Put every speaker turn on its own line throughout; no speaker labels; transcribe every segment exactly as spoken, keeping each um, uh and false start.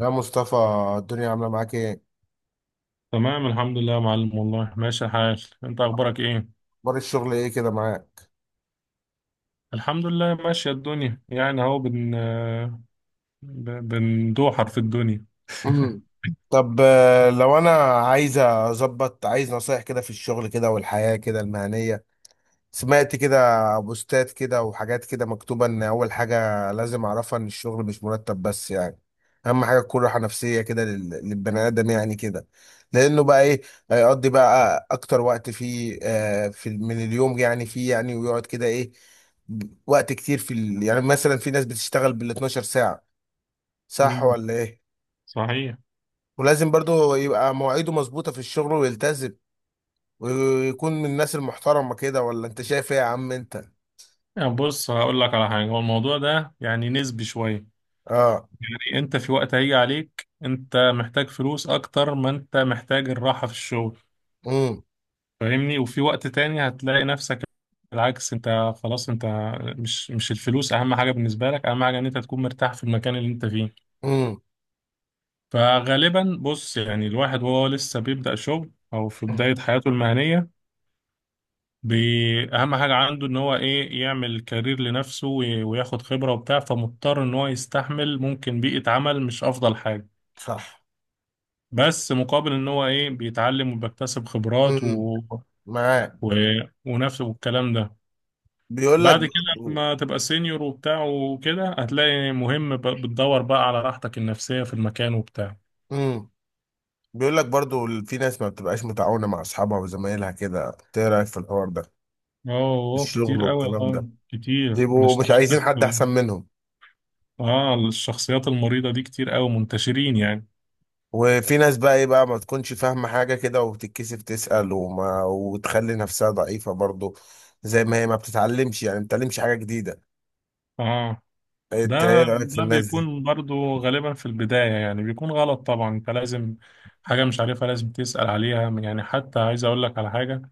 يا مصطفى، الدنيا عاملة معاك ايه؟
تمام الحمد لله يا معلم، والله ماشي الحال. انت اخبارك ايه؟
اخبار الشغل ايه كده معاك؟
الحمد لله ماشية الدنيا، يعني اهو بن ب- بندوحر في الدنيا
مم. طب آه، لو انا عايز اظبط، عايز نصايح كده في الشغل كده والحياة كده المهنية. سمعت كده بوستات كده وحاجات كده مكتوبة ان اول حاجة لازم اعرفها ان الشغل مش مرتب بس، يعني اهم حاجة تكون راحة نفسية كده لل- للبني ادم يعني كده. لانه بقى ايه، هيقضي بقى اكتر وقت فيه آه، في من اليوم، يعني فيه يعني ويقعد كده ايه ب- وقت كتير في ال... يعني مثلا في ناس بتشتغل بال اتناشر ساعة، صح
مم.
ولا ايه؟
صحيح.
ولازم برضو يبقى مواعيده مظبوطة في الشغل ويلتزم، ويكون من الناس المحترمة كده، ولا انت شايف ايه يا عم انت؟
يعني بص، هقول لك على حاجة، هو الموضوع ده يعني نسبي شوية.
اه.
يعني انت في وقت هيجي عليك انت محتاج فلوس اكتر ما انت محتاج الراحة في الشغل، فاهمني؟ وفي وقت تاني هتلاقي نفسك بالعكس، انت خلاص انت مش مش الفلوس اهم حاجة بالنسبة لك، اهم حاجة ان انت تكون مرتاح في المكان اللي انت فيه.
امم.
فغالبا بص، يعني الواحد وهو لسه بيبدأ شغل أو في
امم،
بداية حياته المهنية، بي- أهم حاجة عنده إن هو إيه، يعمل كارير لنفسه وي- وياخد خبرة وبتاع، فمضطر إن هو يستحمل ممكن بيئة عمل مش أفضل حاجة،
صح.
بس مقابل إن هو إيه، بيتعلم وبيكتسب خبرات
امم.
و...
معاك.
و... ونفسه والكلام ده.
بيقول لك
بعد كده
برضو.
لما تبقى سينيور وبتاع وكده، هتلاقي مهم ب- بتدور بقى على راحتك النفسية في المكان وبتاع.
امم. بيقول لك برضو ال- في ناس ما بتبقاش متعاونة مع اصحابها وزمايلها كده، إنت ايه رأيك في الحوار ده؟
اه
الشغل
كتير قوي،
والكلام ده
اه كتير، انا
بيبقوا مش
اشتغلت.
عايزين
في،
حد احسن منهم.
اه الشخصيات المريضة دي كتير قوي، منتشرين يعني.
وفي ناس بقى ايه بقى، ما تكونش فاهمة حاجة كده وبتتكسف تسأل، وما وتخلي نفسها ضعيفة برضو، زي ما هي ما بتتعلمش، يعني ما بتتعلمش حاجة جديدة.
اه. ده
انت ايه رأيك في
ده
الناس دي؟
بيكون برضو غالبا في البداية، يعني بيكون غلط طبعا، انت لازم حاجة مش عارفها لازم تسأل عليها. يعني حتى عايز اقول لك على حاجة،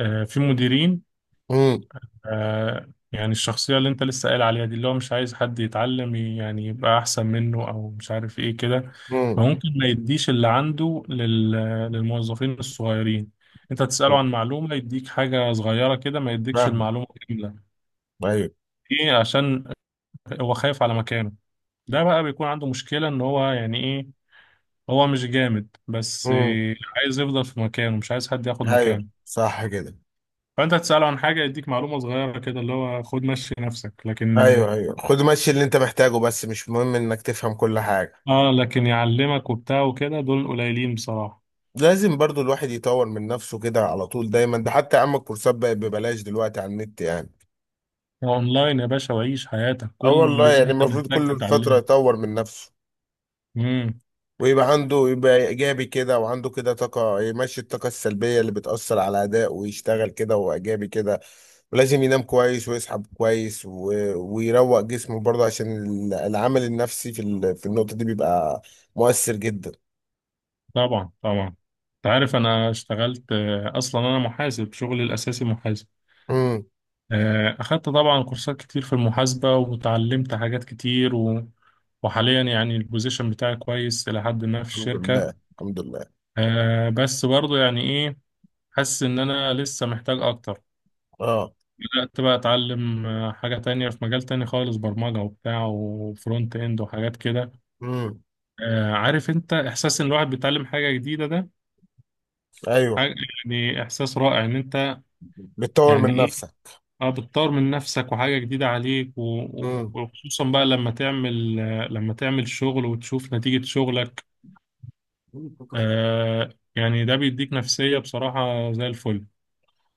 آه، في مديرين.
امم.
آه، يعني الشخصية اللي انت لسه قايل عليها دي، اللي هو مش عايز حد يتعلم ي- يعني يبقى أحسن منه، أو مش عارف ايه كده. مم.
امم.
فممكن ما يديش اللي عنده لل... للموظفين الصغيرين. انت تسأله
امم،
عن معلومة يديك حاجة صغيرة كده، ما يديكش
فاهم.
المعلومة كاملة.
ايوه.
ايه؟ عشان هو خايف على مكانه. ده بقى بيكون عنده مشكلة ان هو يعني ايه، هو مش جامد بس،
امم.
آه، عايز يفضل في مكانه، مش عايز حد ياخد
ايوه
مكانه.
صح كده.
فانت تسأله عن حاجة يديك معلومة صغيرة كده، اللي هو خد مشي نفسك، لكن
ايوه ايوه، خد ماشي اللي انت محتاجه، بس مش مهم انك تفهم كل حاجه.
اه لكن يعلمك وبتاع وكده دول قليلين بصراحة.
لازم برضو الواحد يطور من نفسه كده على طول دايما. ده حتى يا عم الكورسات بقت ببلاش دلوقتي على النت يعني.
اونلاين يا باشا، وعيش حياتك، كل
اه والله،
اللي
يعني
انت
المفروض
محتاج
كل فتره
تتعلمه.
يطور من نفسه،
امم.
ويبقى عنده، يبقى ايجابي كده وعنده كده طاقه يمشي الطاقه السلبيه اللي بتاثر على اداء، ويشتغل كده وايجابي كده. ولازم ينام كويس ويصحى كويس، و... ويروق جسمه برضه، عشان ال- العامل النفسي في ال... في النقطه دي بيبقى مؤثر جدا.
طبعا طبعا. انت عارف انا اشتغلت، آه، اصلا انا محاسب، شغلي الاساسي محاسب. آه، اخدت طبعا كورسات كتير في المحاسبة وتعلمت حاجات كتير و... وحاليا يعني البوزيشن بتاعي كويس الى حد ما في
الحمد
الشركة.
لله الحمد لله.
آه، بس برضو يعني ايه، حاسس ان انا لسه محتاج اكتر.
اه.
بدأت بقى أتعلم آه، حاجة تانية في مجال تاني خالص، برمجة وبتاع وفرونت إند وحاجات كده.
امم.
آه، عارف أنت إحساس إن الواحد بيتعلم حاجة جديدة ده؟
ايوه
حاجة، يعني إحساس رائع، إن أنت
بتطور
يعني
من
إيه،
نفسك.
أه بتطور من نفسك وحاجة جديدة عليك و- و-
امم.
وخصوصا بقى لما تعمل، آه، لما تعمل شغل وتشوف نتيجة شغلك. آه، يعني ده بيديك نفسية بصراحة زي الفل.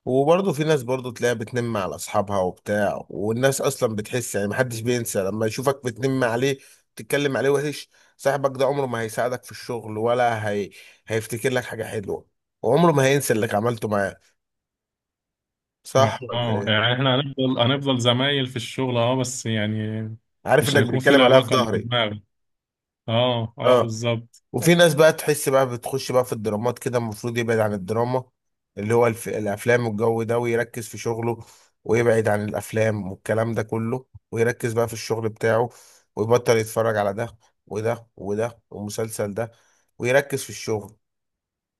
وبرضه في ناس برضه تلاقيها بتنم على اصحابها وبتاع، والناس اصلا بتحس، يعني محدش بينسى لما يشوفك بتنم عليه، تتكلم عليه وحش. صاحبك ده عمره ما هيساعدك في الشغل ولا هي... هيفتكر لك حاجه حلوه، وعمره ما هينسى اللي عملته معاه، صح
اه
ولا
آه،
ايه؟
يعني احنا هنفضل هنفضل زمايل في الشغل اه، بس يعني
عارف
مش
انك
هيكون في
بتتكلم عليها في
العلاقة اللي في
ظهري.
دماغك. اه اه
اه.
بالظبط.
وفي ناس بقى تحس بقى بتخش بقى في الدرامات كده، المفروض يبعد عن الدراما، اللي هو الف... الافلام والجو ده، ويركز في شغله، ويبعد عن الافلام والكلام ده كله، ويركز بقى في الشغل بتاعه، ويبطل يتفرج على ده وده وده والمسلسل ده، ويركز في الشغل.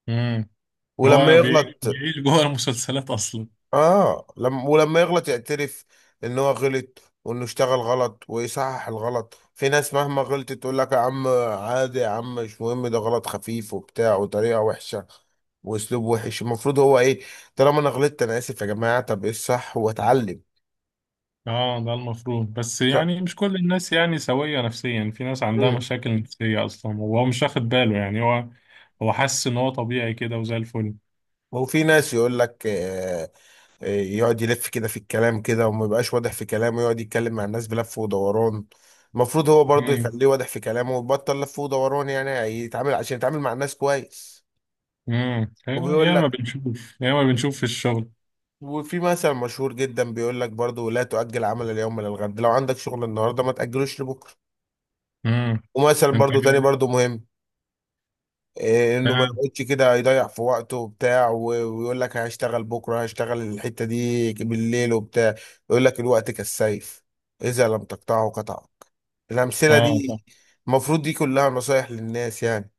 امم.
ولما
هو بيعيش
يغلط،
بيعيش جوه المسلسلات اصلا.
اه، لما ولما يغلط يعترف ان هو غلط، وانه اشتغل غلط ويصحح الغلط. في ناس مهما غلطت تقول لك يا عم، عادي يا عم، مش مهم، ده غلط خفيف وبتاع. وطريقة وحشة واسلوب وحش. المفروض هو ايه؟ طالما انا غلطت، انا اسف يا جماعه، طب ايه الصح، واتعلم.
اه ده المفروض، بس
صح.
يعني مش كل الناس يعني سوية نفسيا، في ناس عندها
مم.
مشاكل نفسية اصلا وهو مش واخد باله. يعني هو، هو حاسس ان هو طبيعي كده وزي الفل.
وفي ناس يقول لك آه، آه، يقعد يلف كده في الكلام كده، وما يبقاش واضح في كلامه، يقعد يتكلم مع الناس بلف ودوران. المفروض هو برضه
امم.
يخليه واضح في كلامه، ويبطل لف ودوران، يعني يتعامل عشان يتعامل مع الناس كويس.
امم،
وبيقول
يا ما
لك،
بنشوف، يا ما بنشوف في الشغل.
وفي مثل مشهور جدا بيقول لك برضه، لا تؤجل عمل اليوم للغد. لو عندك شغل النهارده ما تأجلوش لبكره.
امم.
ومثل
انت
برضه تاني
كده،
برضه مهم، إيه انه ما
اه.
يقعدش كده يضيع في وقته وبتاع و- ويقول لك هشتغل بكره، هشتغل الحته دي بالليل وبتاع. يقول لك الوقت كالسيف، اذا لم تقطعه قطعك. الامثله
آه، طب
دي المفروض دي كلها نصايح للناس يعني.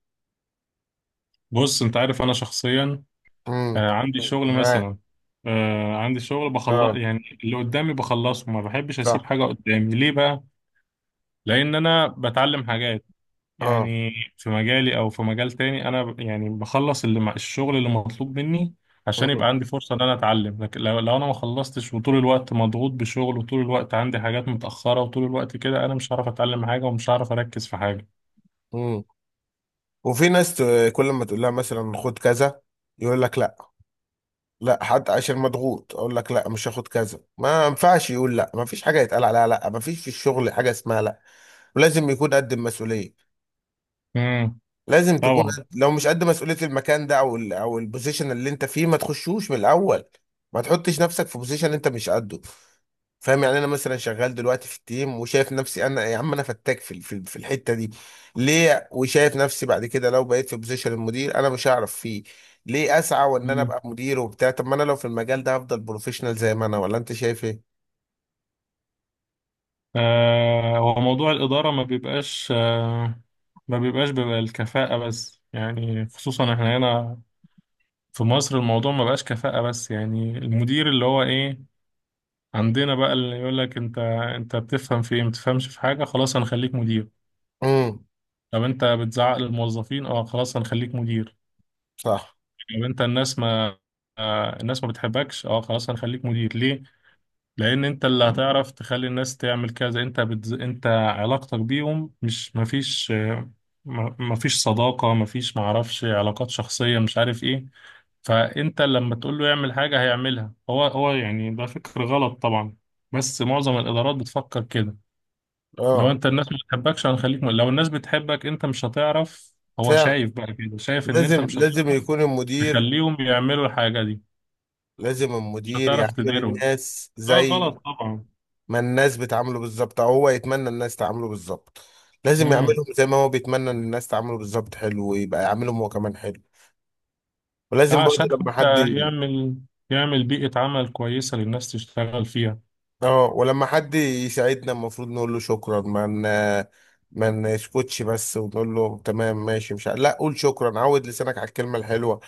بص، انت عارف انا شخصيا
امم.
آه، عندي شغل
معاك.
مثلا، آه، عندي شغل بخلص،
اه.
يعني اللي قدامي بخلصه، ما بحبش اسيب
صح.
حاجة قدامي. ليه بقى؟ لان انا بتعلم حاجات،
اه.
يعني في مجالي او في مجال تاني. انا ب- يعني بخلص اللي مع الشغل اللي مطلوب مني عشان يبقى
امم.
عندي فرصة ان انا اتعلم. لكن لو, لو انا ما خلصتش وطول الوقت مضغوط بشغل، وطول الوقت عندي حاجات متأخرة، وطول الوقت كده، انا مش هعرف اتعلم حاجة، ومش هعرف اركز في حاجة.
امم. وفي ناس ت- كل ما تقول لها مثلا خد كذا، يقول لك لا. لا، حتى عشان مضغوط اقول لك لا، مش هاخد كذا. ما ينفعش يقول لا، ما فيش حاجه يتقال عليها لا، ما فيش في الشغل حاجه اسمها لا. ولازم يكون قد المسؤوليه.
امم.
لازم تكون
طبعا.
قد... لو مش قد مسؤوليه المكان ده او ال... او البوزيشن اللي انت فيه، ما تخشوش من الاول. ما تحطش نفسك في بوزيشن انت مش قده. فاهم يعني، انا مثلا شغال دلوقتي في التيم وشايف نفسي، انا يا عم انا فتاك في في في الحته دي، ليه؟ وشايف نفسي بعد كده لو بقيت في بوزيشن المدير انا مش هعرف فيه، ليه اسعى وان انا ابقى مدير وبتاع؟ طب ما انا لو في المجال ده هفضل بروفيشنال زي ما انا، ولا انت شايف ايه؟
آه، هو موضوع الإدارة ما بيبقاش، آه، ما بيبقاش بيبقى الكفاءة بس، يعني خصوصا احنا هنا في مصر، الموضوع ما بقاش كفاءة بس. يعني المدير اللي هو ايه عندنا بقى، اللي يقول لك انت انت بتفهم في ايه، ما بتفهمش في حاجة، خلاص هنخليك مدير.
امم.
طب انت بتزعق للموظفين؟ اه، خلاص هنخليك مدير.
صح.
طب انت الناس ما، آه، الناس ما بتحبكش؟ اه، خلاص هنخليك مدير. ليه؟ لان انت اللي هتعرف تخلي الناس تعمل كذا. انت بتز... انت علاقتك بيهم مش مفيش، آه، م- مفيش صداقة، مفيش معرفش علاقات شخصية، مش عارف ايه. فانت لما تقول له يعمل حاجة هيعملها. هو هو يعني ده فكر غلط طبعا، بس معظم الادارات بتفكر كده. لو
اه.
انت الناس ما بتحبكش هنخليك م... لو الناس بتحبك انت مش هتعرف. هو
فعلا.
شايف بقى كده، شايف ان انت
لازم
مش
لازم
هتعرف
يكون المدير،
تخليهم يعملوا الحاجة دي،
لازم
مش
المدير
هتعرف
يعامل
تديرهم.
الناس
ده
زي
غلط طبعا.
ما الناس بتعامله بالظبط، او هو يتمنى الناس تعامله بالظبط. لازم
مم.
يعملهم زي ما هو بيتمنى ان الناس تعامله بالظبط حلو، ويبقى يعاملهم هو كمان حلو.
اه
ولازم برضه
عشان
لما حد.
حتى يعمل، يعمل بيئة عمل كويسة للناس تشتغل فيها.
اه. ولما حد يساعدنا المفروض نقول له شكرا. ما ن- ما نسكتش بس ونقول له تمام ماشي، مش ع... لا، قول شكرا، عود لسانك على الكلمة الحلوة.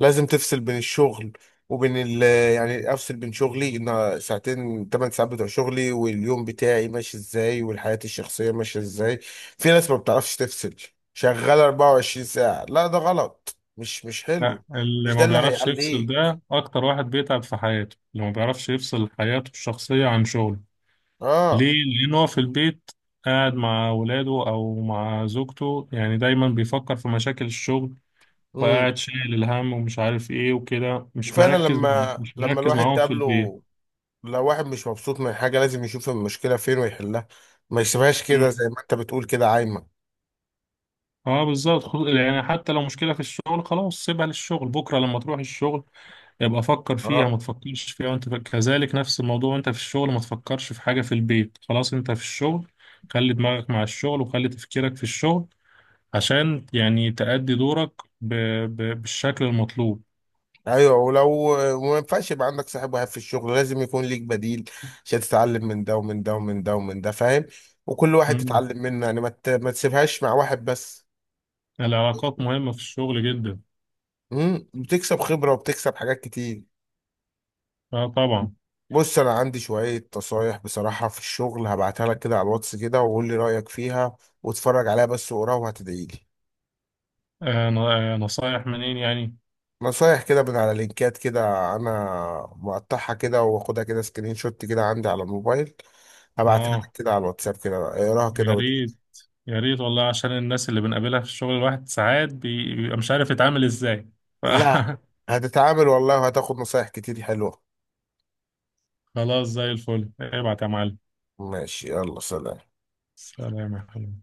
لازم تفصل بين الشغل وبين ال... يعني افصل بين شغلي، ان ساعتين ثمان ساعات بتوع شغلي واليوم بتاعي ماشي ازاي، والحياة الشخصية ماشية ازاي. في ناس ما بتعرفش تفصل، شغالة اربع وعشرين ساعة. لا ده غلط، مش مش
لا،
حلو.
اللي
مش ده
ما
اللي
بيعرفش يفصل
هيعليك.
ده أكتر واحد بيتعب في حياته، اللي ما بيعرفش يفصل حياته الشخصية عن شغله.
اه.
ليه؟ لأن هو في البيت قاعد مع ولاده أو مع زوجته، يعني دايما بيفكر في مشاكل الشغل،
امم.
وقاعد شايل الهم ومش عارف إيه وكده، مش
وفعلا
مركز،
لما
مش
لما
مركز
الواحد
معاهم في البيت.
تقابله، لو واحد مش مبسوط من حاجة لازم يشوف المشكلة فين ويحلها، ما يسيبهاش كده
مم.
زي ما انت بتقول كده عايمة.
اه بالظبط. خل- يعني حتى لو مشكلة في الشغل، خلاص سيبها للشغل، بكرة لما تروح الشغل يبقى فكر فيها،
اه.
ما تفكرش فيها وانت في... كذلك نفس الموضوع وانت في الشغل، ما تفكرش في حاجة في البيت، خلاص انت في الشغل، خلي دماغك مع الشغل وخلي تفكيرك في الشغل عشان يعني تأدي دورك ب... ب... بالشكل المطلوب.
ايوه. ولو، وما ينفعش يبقى عندك صاحب واحد في الشغل، لازم يكون ليك بديل، عشان تتعلم من ده ومن ده ومن ده ومن ده، فاهم؟ وكل واحد
مم.
تتعلم منه يعني، ما ت- ما تسيبهاش مع واحد بس.
العلاقات مهمة في الشغل جدا.
امم. بتكسب خبرة وبتكسب حاجات كتير.
اه طبعا.
بص، انا عندي شوية نصايح بصراحة في الشغل، هبعتها لك كده على الواتس كده، وقول لي رأيك فيها، واتفرج عليها بس وقراها، وهتدعي لي.
آه ن- آه، نصايح منين يعني؟
نصايح كده من على لينكات كده، انا مقطعها كده، واخدها كده سكرين شوت كده عندي على الموبايل، هبعتها لك
اه
كده على الواتساب كده، اقراها كده
يا
ود...
ريت، يا ريت والله، عشان الناس اللي بنقابلها في الشغل الواحد ساعات بي- بيبقى مش عارف يتعامل ازاي ف...
لا هتتعامل والله، وهتاخد نصايح كتير حلوة.
خلاص زي الفل، ابعت يا معلم.
ماشي، يلا سلام.
سلام يا حبيبي.